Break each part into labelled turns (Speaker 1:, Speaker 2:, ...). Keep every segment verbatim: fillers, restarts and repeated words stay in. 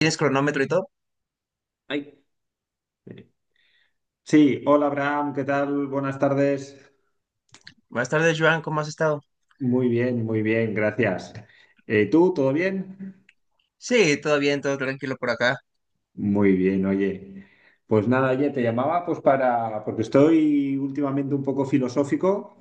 Speaker 1: ¿Tienes cronómetro y todo?
Speaker 2: Ay. Sí, hola Abraham, ¿qué tal? Buenas tardes.
Speaker 1: Buenas tardes, Joan, ¿cómo has estado?
Speaker 2: Muy bien, muy bien, gracias. Eh, ¿tú, todo bien?
Speaker 1: Sí, todo bien, todo tranquilo por acá.
Speaker 2: Muy bien, oye. Pues nada, oye, te llamaba pues para, porque estoy últimamente un poco filosófico.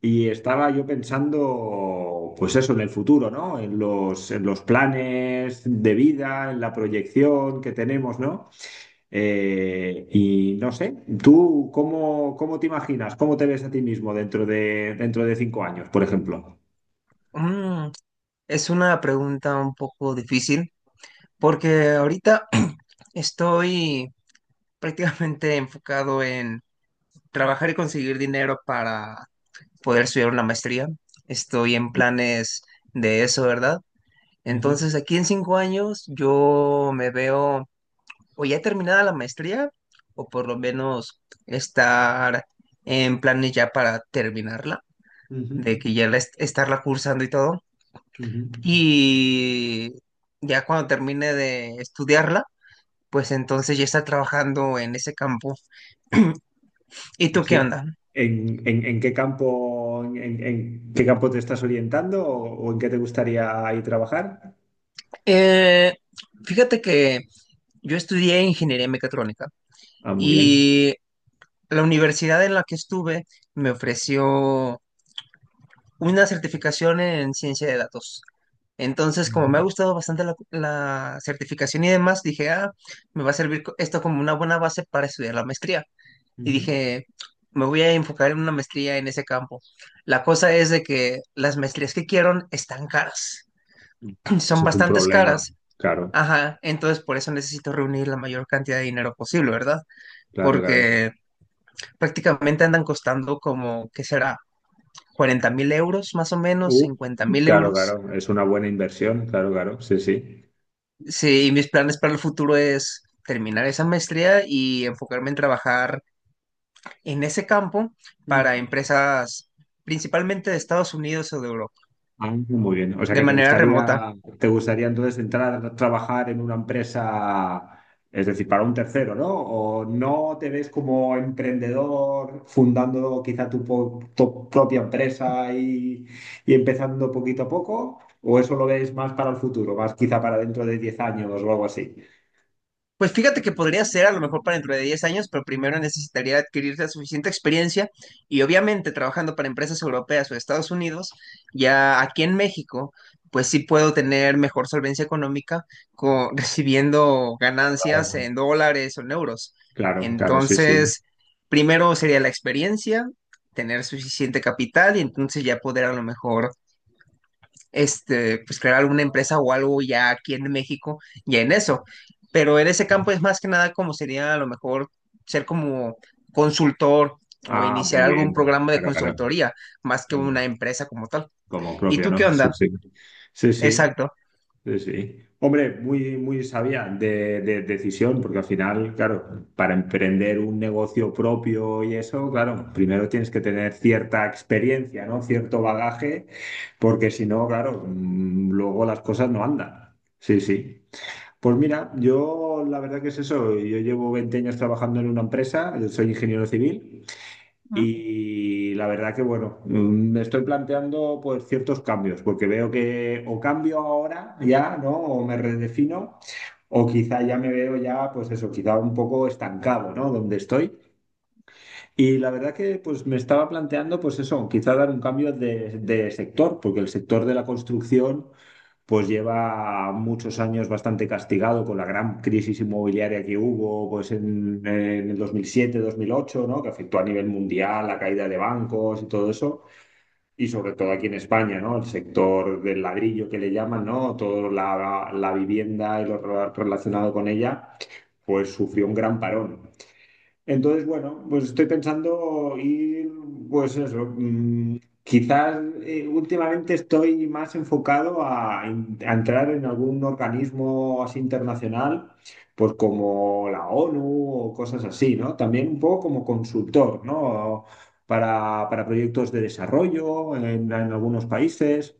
Speaker 2: Y estaba yo pensando, pues eso, en el futuro, ¿no? En los, en los planes de vida, en la proyección que tenemos, ¿no? Eh, y no sé, ¿tú cómo, cómo te imaginas? ¿Cómo te ves a ti mismo dentro de, dentro de cinco años, por ejemplo?
Speaker 1: Mm, es una pregunta un poco difícil porque ahorita estoy prácticamente enfocado en trabajar y conseguir dinero para poder estudiar una maestría. Estoy en planes de eso, ¿verdad?
Speaker 2: Ujú,
Speaker 1: Entonces, aquí en cinco años yo me veo o ya terminada la maestría o por lo menos estar en planes ya para terminarla de
Speaker 2: ujú,
Speaker 1: que ya la est- estarla cursando y todo.
Speaker 2: ujú.
Speaker 1: Y ya cuando termine de estudiarla, pues entonces ya está trabajando en ese campo. ¿Y tú qué
Speaker 2: Sí.
Speaker 1: onda?
Speaker 2: ¿En, en- en qué campo, en, en- en qué campo te estás orientando o, o en qué te gustaría ir trabajar?
Speaker 1: Eh, Fíjate que yo estudié ingeniería mecatrónica
Speaker 2: Ah, muy bien.
Speaker 1: y la universidad en la que estuve me ofreció una certificación en ciencia de datos. Entonces, como me ha
Speaker 2: Ujú,
Speaker 1: gustado bastante la, la certificación y demás, dije, ah, me va a servir co- esto como una buena base para estudiar la maestría. Y
Speaker 2: ujú.
Speaker 1: dije, me voy a enfocar en una maestría en ese campo. La cosa es de que las maestrías que quiero están caras, son
Speaker 2: Ese es un
Speaker 1: bastantes
Speaker 2: problema,
Speaker 1: caras.
Speaker 2: claro,
Speaker 1: Ajá, entonces por eso necesito reunir la mayor cantidad de dinero posible, ¿verdad?
Speaker 2: claro, claro.
Speaker 1: Porque prácticamente andan costando como, ¿qué será? Cuarenta mil euros, más o menos,
Speaker 2: Uh,
Speaker 1: cincuenta mil
Speaker 2: claro,
Speaker 1: euros.
Speaker 2: claro, es una buena inversión, claro, claro, sí, sí.
Speaker 1: Sí, y mis planes para el futuro es terminar esa maestría y enfocarme en trabajar en ese campo para
Speaker 2: Ujú.
Speaker 1: empresas principalmente de Estados Unidos o de Europa,
Speaker 2: Ah, muy bien. O sea
Speaker 1: de
Speaker 2: que te
Speaker 1: manera remota.
Speaker 2: gustaría, te gustaría entonces entrar a trabajar en una empresa, es decir, para un tercero, ¿no? O no te ves como emprendedor fundando quizá tu, po- tu propia empresa y, y empezando poquito a poco, o eso lo ves más para el futuro, más quizá para dentro de diez años o algo así.
Speaker 1: Pues fíjate que podría ser a lo mejor para dentro de diez años, pero primero necesitaría adquirir la suficiente experiencia y obviamente trabajando para empresas europeas o Estados Unidos, ya aquí en México, pues sí puedo tener mejor solvencia económica co- recibiendo ganancias
Speaker 2: Claro,
Speaker 1: en dólares o en euros.
Speaker 2: claro, claro, sí, sí.
Speaker 1: Entonces, primero sería la experiencia, tener suficiente capital y entonces ya poder a lo mejor este, pues crear alguna empresa o algo ya aquí en México ya en
Speaker 2: Claro.
Speaker 1: eso. Pero en ese campo es más que nada como sería a lo mejor ser como consultor o
Speaker 2: Ah,
Speaker 1: iniciar
Speaker 2: muy
Speaker 1: algún
Speaker 2: bien.
Speaker 1: programa de
Speaker 2: Claro, claro.
Speaker 1: consultoría, más que
Speaker 2: Claro.
Speaker 1: una empresa como tal.
Speaker 2: Como
Speaker 1: ¿Y
Speaker 2: propia,
Speaker 1: tú qué
Speaker 2: ¿no? Sí,
Speaker 1: onda?
Speaker 2: sí. Sí, sí.
Speaker 1: Exacto.
Speaker 2: Sí, sí. Hombre, muy, muy sabia de, de decisión, porque al final, claro, para emprender un negocio propio y eso, claro, primero tienes que tener cierta experiencia, ¿no? Cierto bagaje, porque si no, claro, mm, luego las cosas no andan. Sí, sí. Pues mira, yo la verdad que es eso, yo llevo veinte años trabajando en una empresa, yo soy ingeniero civil.
Speaker 1: ¿Mm?
Speaker 2: Y la verdad que, bueno, mm, me estoy planteando pues ciertos cambios, porque veo que o cambio ahora ya, ¿no? O me redefino, o quizá ya me veo ya, pues eso, quizá un poco estancado, ¿no? Donde estoy. Y la verdad que pues me estaba planteando, pues eso, quizá dar un cambio de, de sector, porque el sector de la construcción pues lleva muchos años bastante castigado con la gran crisis inmobiliaria que hubo pues en, en, el dos mil siete-dos mil ocho, ¿no? Que afectó a nivel mundial la caída de bancos y todo eso, y sobre todo aquí en España, ¿no? El sector del ladrillo que le llaman, ¿no? Toda la, la vivienda y lo relacionado con ella, pues sufrió un gran parón. Entonces, bueno, pues estoy pensando ir, pues eso, mm, quizás eh, últimamente estoy más enfocado a, en- a entrar en algún organismo así internacional, pues como la ONU o cosas así, ¿no? También un poco como consultor, ¿no? Para, para proyectos de desarrollo en, en algunos países.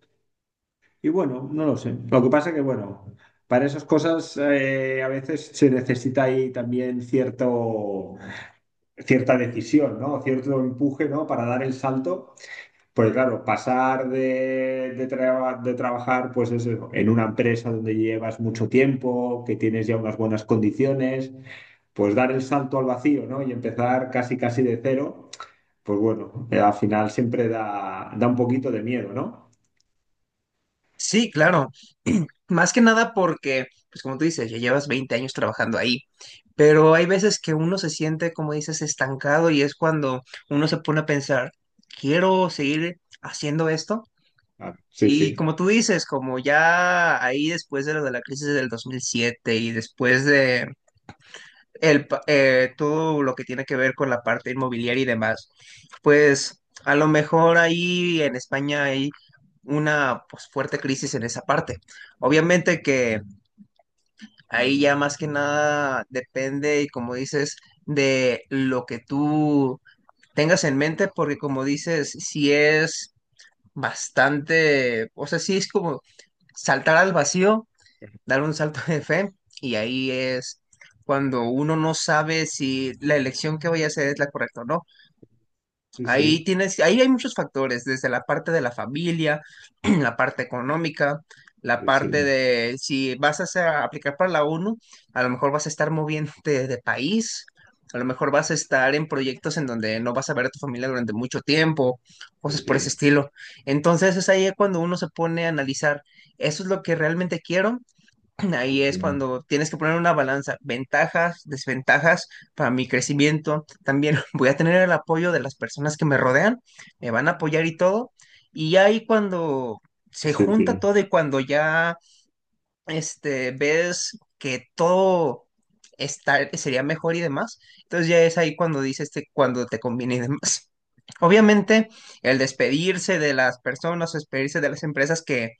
Speaker 2: Y bueno, no lo sé. Lo que pasa que, bueno, para esas cosas eh, a veces se necesita ahí también cierto cierta decisión, ¿no? Cierto empuje, ¿no? Para dar el salto. Pues claro, pasar de, de, traba- de trabajar pues eso, en una empresa donde llevas mucho tiempo, que tienes ya unas buenas condiciones, pues dar el salto al vacío, ¿no? Y empezar casi casi de cero, pues bueno, eh, al final siempre da, da un poquito de miedo, ¿no?
Speaker 1: Sí, claro. Más que nada porque, pues como tú dices, ya llevas veinte años trabajando ahí, pero hay veces que uno se siente, como dices, estancado y es cuando uno se pone a pensar, ¿quiero seguir haciendo esto?
Speaker 2: Ah, sí, sí,
Speaker 1: Y como tú dices, como ya ahí después de lo de la crisis del dos mil siete y después de el, pa- eh, todo lo que tiene que ver con la parte inmobiliaria y demás, pues a lo mejor ahí en España hay una pues, fuerte crisis en esa parte. Obviamente que ahí ya más que nada depende, y como dices, de lo que tú tengas en mente, porque como dices, si es bastante, o sea, sí es como saltar al vacío, dar un salto de fe, y ahí es cuando uno no sabe si la elección que voy a hacer es la correcta o no.
Speaker 2: sí, sí,
Speaker 1: Ahí tienes, ahí hay muchos factores, desde la parte de la familia, la parte económica, la
Speaker 2: sí,
Speaker 1: parte
Speaker 2: sí,
Speaker 1: de si vas a hacer- a aplicar para la ONU, a lo mejor vas a estar moviéndote de país, a lo mejor vas a estar en proyectos en donde no vas a ver a tu familia durante mucho tiempo,
Speaker 2: sí,
Speaker 1: cosas por ese
Speaker 2: sí,
Speaker 1: estilo. Entonces es ahí cuando uno se pone a analizar, ¿eso es lo que realmente quiero? Ahí es
Speaker 2: sí,
Speaker 1: cuando tienes que poner una balanza, ventajas, desventajas para mi crecimiento. También voy a tener el apoyo de las personas que me rodean, me van a apoyar y todo. Y ahí cuando
Speaker 2: sí,
Speaker 1: se
Speaker 2: sí,
Speaker 1: junta
Speaker 2: sí.
Speaker 1: todo y cuando ya este, ves que todo está, sería mejor y demás, entonces ya es ahí cuando dices te- cuando te conviene y demás. Obviamente, el despedirse de las personas, despedirse de las empresas que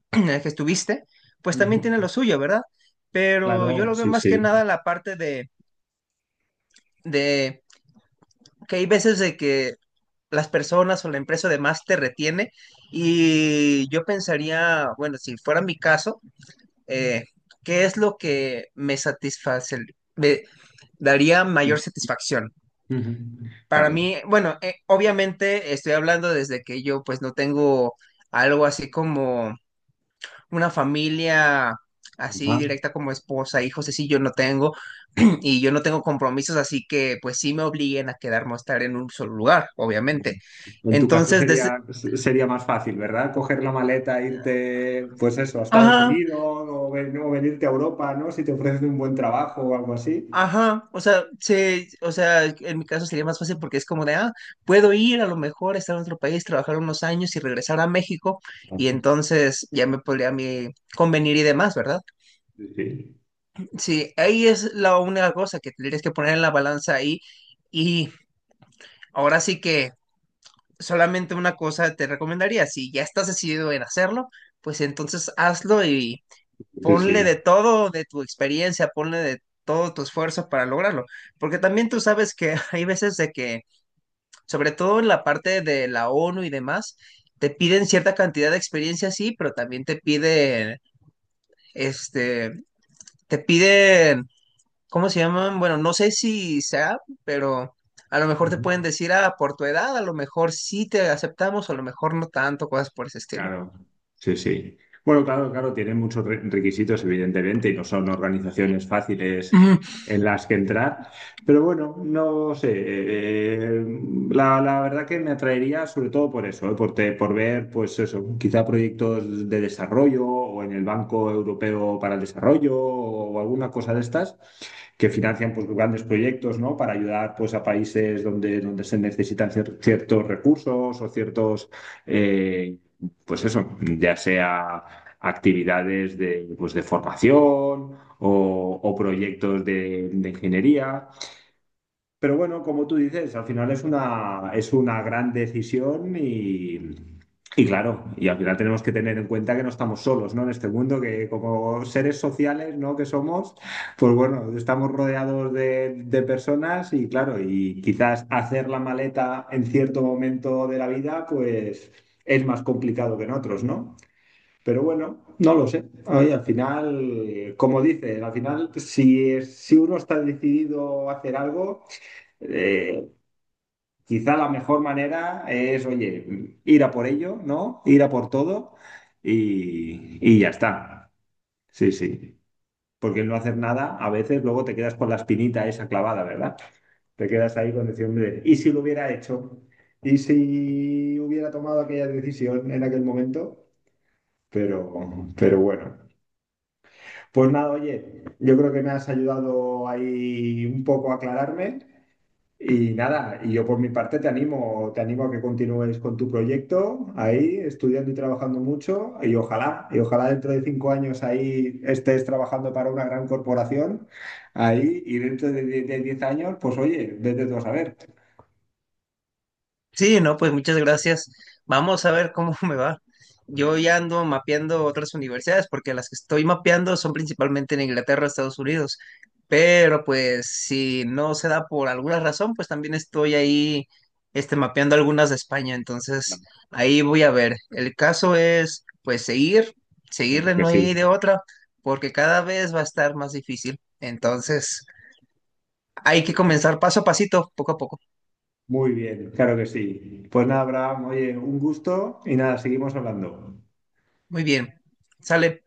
Speaker 1: en el que estuviste, pues
Speaker 2: Ujú.
Speaker 1: también tiene lo suyo, ¿verdad? Pero yo
Speaker 2: Claro,
Speaker 1: lo veo
Speaker 2: sí,
Speaker 1: más que
Speaker 2: sí.
Speaker 1: nada la parte de, de que hay veces de que las personas o la empresa además te retiene y yo pensaría, bueno, si fuera mi caso, eh, ¿qué es lo que me satisface, me daría mayor satisfacción?
Speaker 2: Ujú.
Speaker 1: Para
Speaker 2: Claro.
Speaker 1: mí, bueno, eh, obviamente estoy hablando desde que yo pues no tengo algo así como una familia
Speaker 2: Ajá.
Speaker 1: así directa como esposa, hijos, así yo no tengo, y yo no tengo compromisos, así que pues sí me obliguen a quedarme a estar en un solo lugar, obviamente.
Speaker 2: En tu caso
Speaker 1: Entonces,
Speaker 2: sería,
Speaker 1: desde.
Speaker 2: sería más fácil, ¿verdad? Coger la maleta, irte, pues eso, a Estados
Speaker 1: Ajá,
Speaker 2: Unidos o, ven- o venirte a Europa, ¿no? Si te ofrecen un buen trabajo o algo así.
Speaker 1: ajá, o sea, se, o sea, en mi caso sería más fácil porque es como de, ah, puedo ir a lo mejor, estar en otro país, trabajar unos años y regresar a México, y entonces ya me podría a mí convenir y demás, ¿verdad?
Speaker 2: Sí, sí.
Speaker 1: Sí, ahí es la única cosa que tendrías que poner en la balanza ahí, y ahora sí que solamente una cosa te recomendaría, si ya estás decidido en hacerlo, pues entonces hazlo y
Speaker 2: Sí, sí.
Speaker 1: ponle de todo de tu experiencia, ponle de todo tu esfuerzo para lograrlo, porque también tú sabes que hay veces de que, sobre todo en la parte de la ONU y demás, te piden cierta cantidad de experiencia, sí, pero también te piden, este, te piden ¿cómo se llaman? Bueno, no sé si sea, pero a lo mejor te pueden decir, ah, por tu edad, a lo mejor sí te aceptamos, o a lo mejor no tanto, cosas por ese estilo.
Speaker 2: Claro, sí, sí. Bueno, claro, claro, tienen muchos re- requisitos, evidentemente, y no son organizaciones fáciles en las que entrar. Pero bueno, no sé, eh, la, la verdad que me atraería sobre todo por eso, eh, por, te- por ver, pues eso, quizá proyectos de desarrollo o en el Banco Europeo para el Desarrollo o alguna cosa de estas que financian pues, grandes proyectos, ¿no? Para ayudar pues, a países donde, donde se necesitan cier- ciertos recursos o ciertos... eh, pues eso, ya sea actividades de, pues de formación o, o proyectos de, de ingeniería. Pero bueno, como tú dices, al final es una, es una gran decisión y, y claro, y al final tenemos que tener en cuenta que no estamos solos, ¿no? En este mundo, que como seres sociales, ¿no? Que somos, pues bueno, estamos rodeados de, de personas y claro, y quizás hacer la maleta en cierto momento de la vida, pues es más complicado que en otros, ¿no? Pero bueno, no lo sé. Oye, al final, como dices, al final, si, es- si uno está decidido a hacer algo, eh, quizá la mejor manera es, oye, ir a por ello, ¿no? Ir a por todo y, y ya está. Sí, sí. Porque el no hacer nada, a veces luego te quedas con la espinita esa clavada, ¿verdad? Te quedas ahí con decir, hombre, ¿y si lo hubiera hecho? ¿Y si hubiera tomado aquella decisión en aquel momento? Pero, pero bueno. Pues nada, oye, yo creo que me has ayudado ahí un poco a aclararme y nada, y yo por mi parte te animo, te animo a que continúes con tu proyecto ahí, estudiando y trabajando mucho y ojalá, y ojalá dentro de cinco años ahí estés trabajando para una gran corporación ahí y dentro de, de- de diez años, pues oye, vete tú a saber.
Speaker 1: Sí, no, pues muchas gracias. Vamos a ver cómo me va. Yo ya ando mapeando otras universidades porque las que estoy mapeando son principalmente en Inglaterra, Estados Unidos. Pero pues si no se da por alguna razón, pues también estoy ahí este, mapeando algunas de España. Entonces
Speaker 2: Claro,
Speaker 1: ahí voy a ver. El caso es pues seguir,
Speaker 2: claro
Speaker 1: seguirle,
Speaker 2: que
Speaker 1: no hay de
Speaker 2: sí.
Speaker 1: otra, porque cada vez va a estar más difícil. Entonces hay que
Speaker 2: Sí, sí.
Speaker 1: comenzar paso a pasito, poco a poco.
Speaker 2: Muy bien, claro que sí. Pues nada, Abraham, oye, un gusto y nada, seguimos hablando.
Speaker 1: Muy bien. Sale.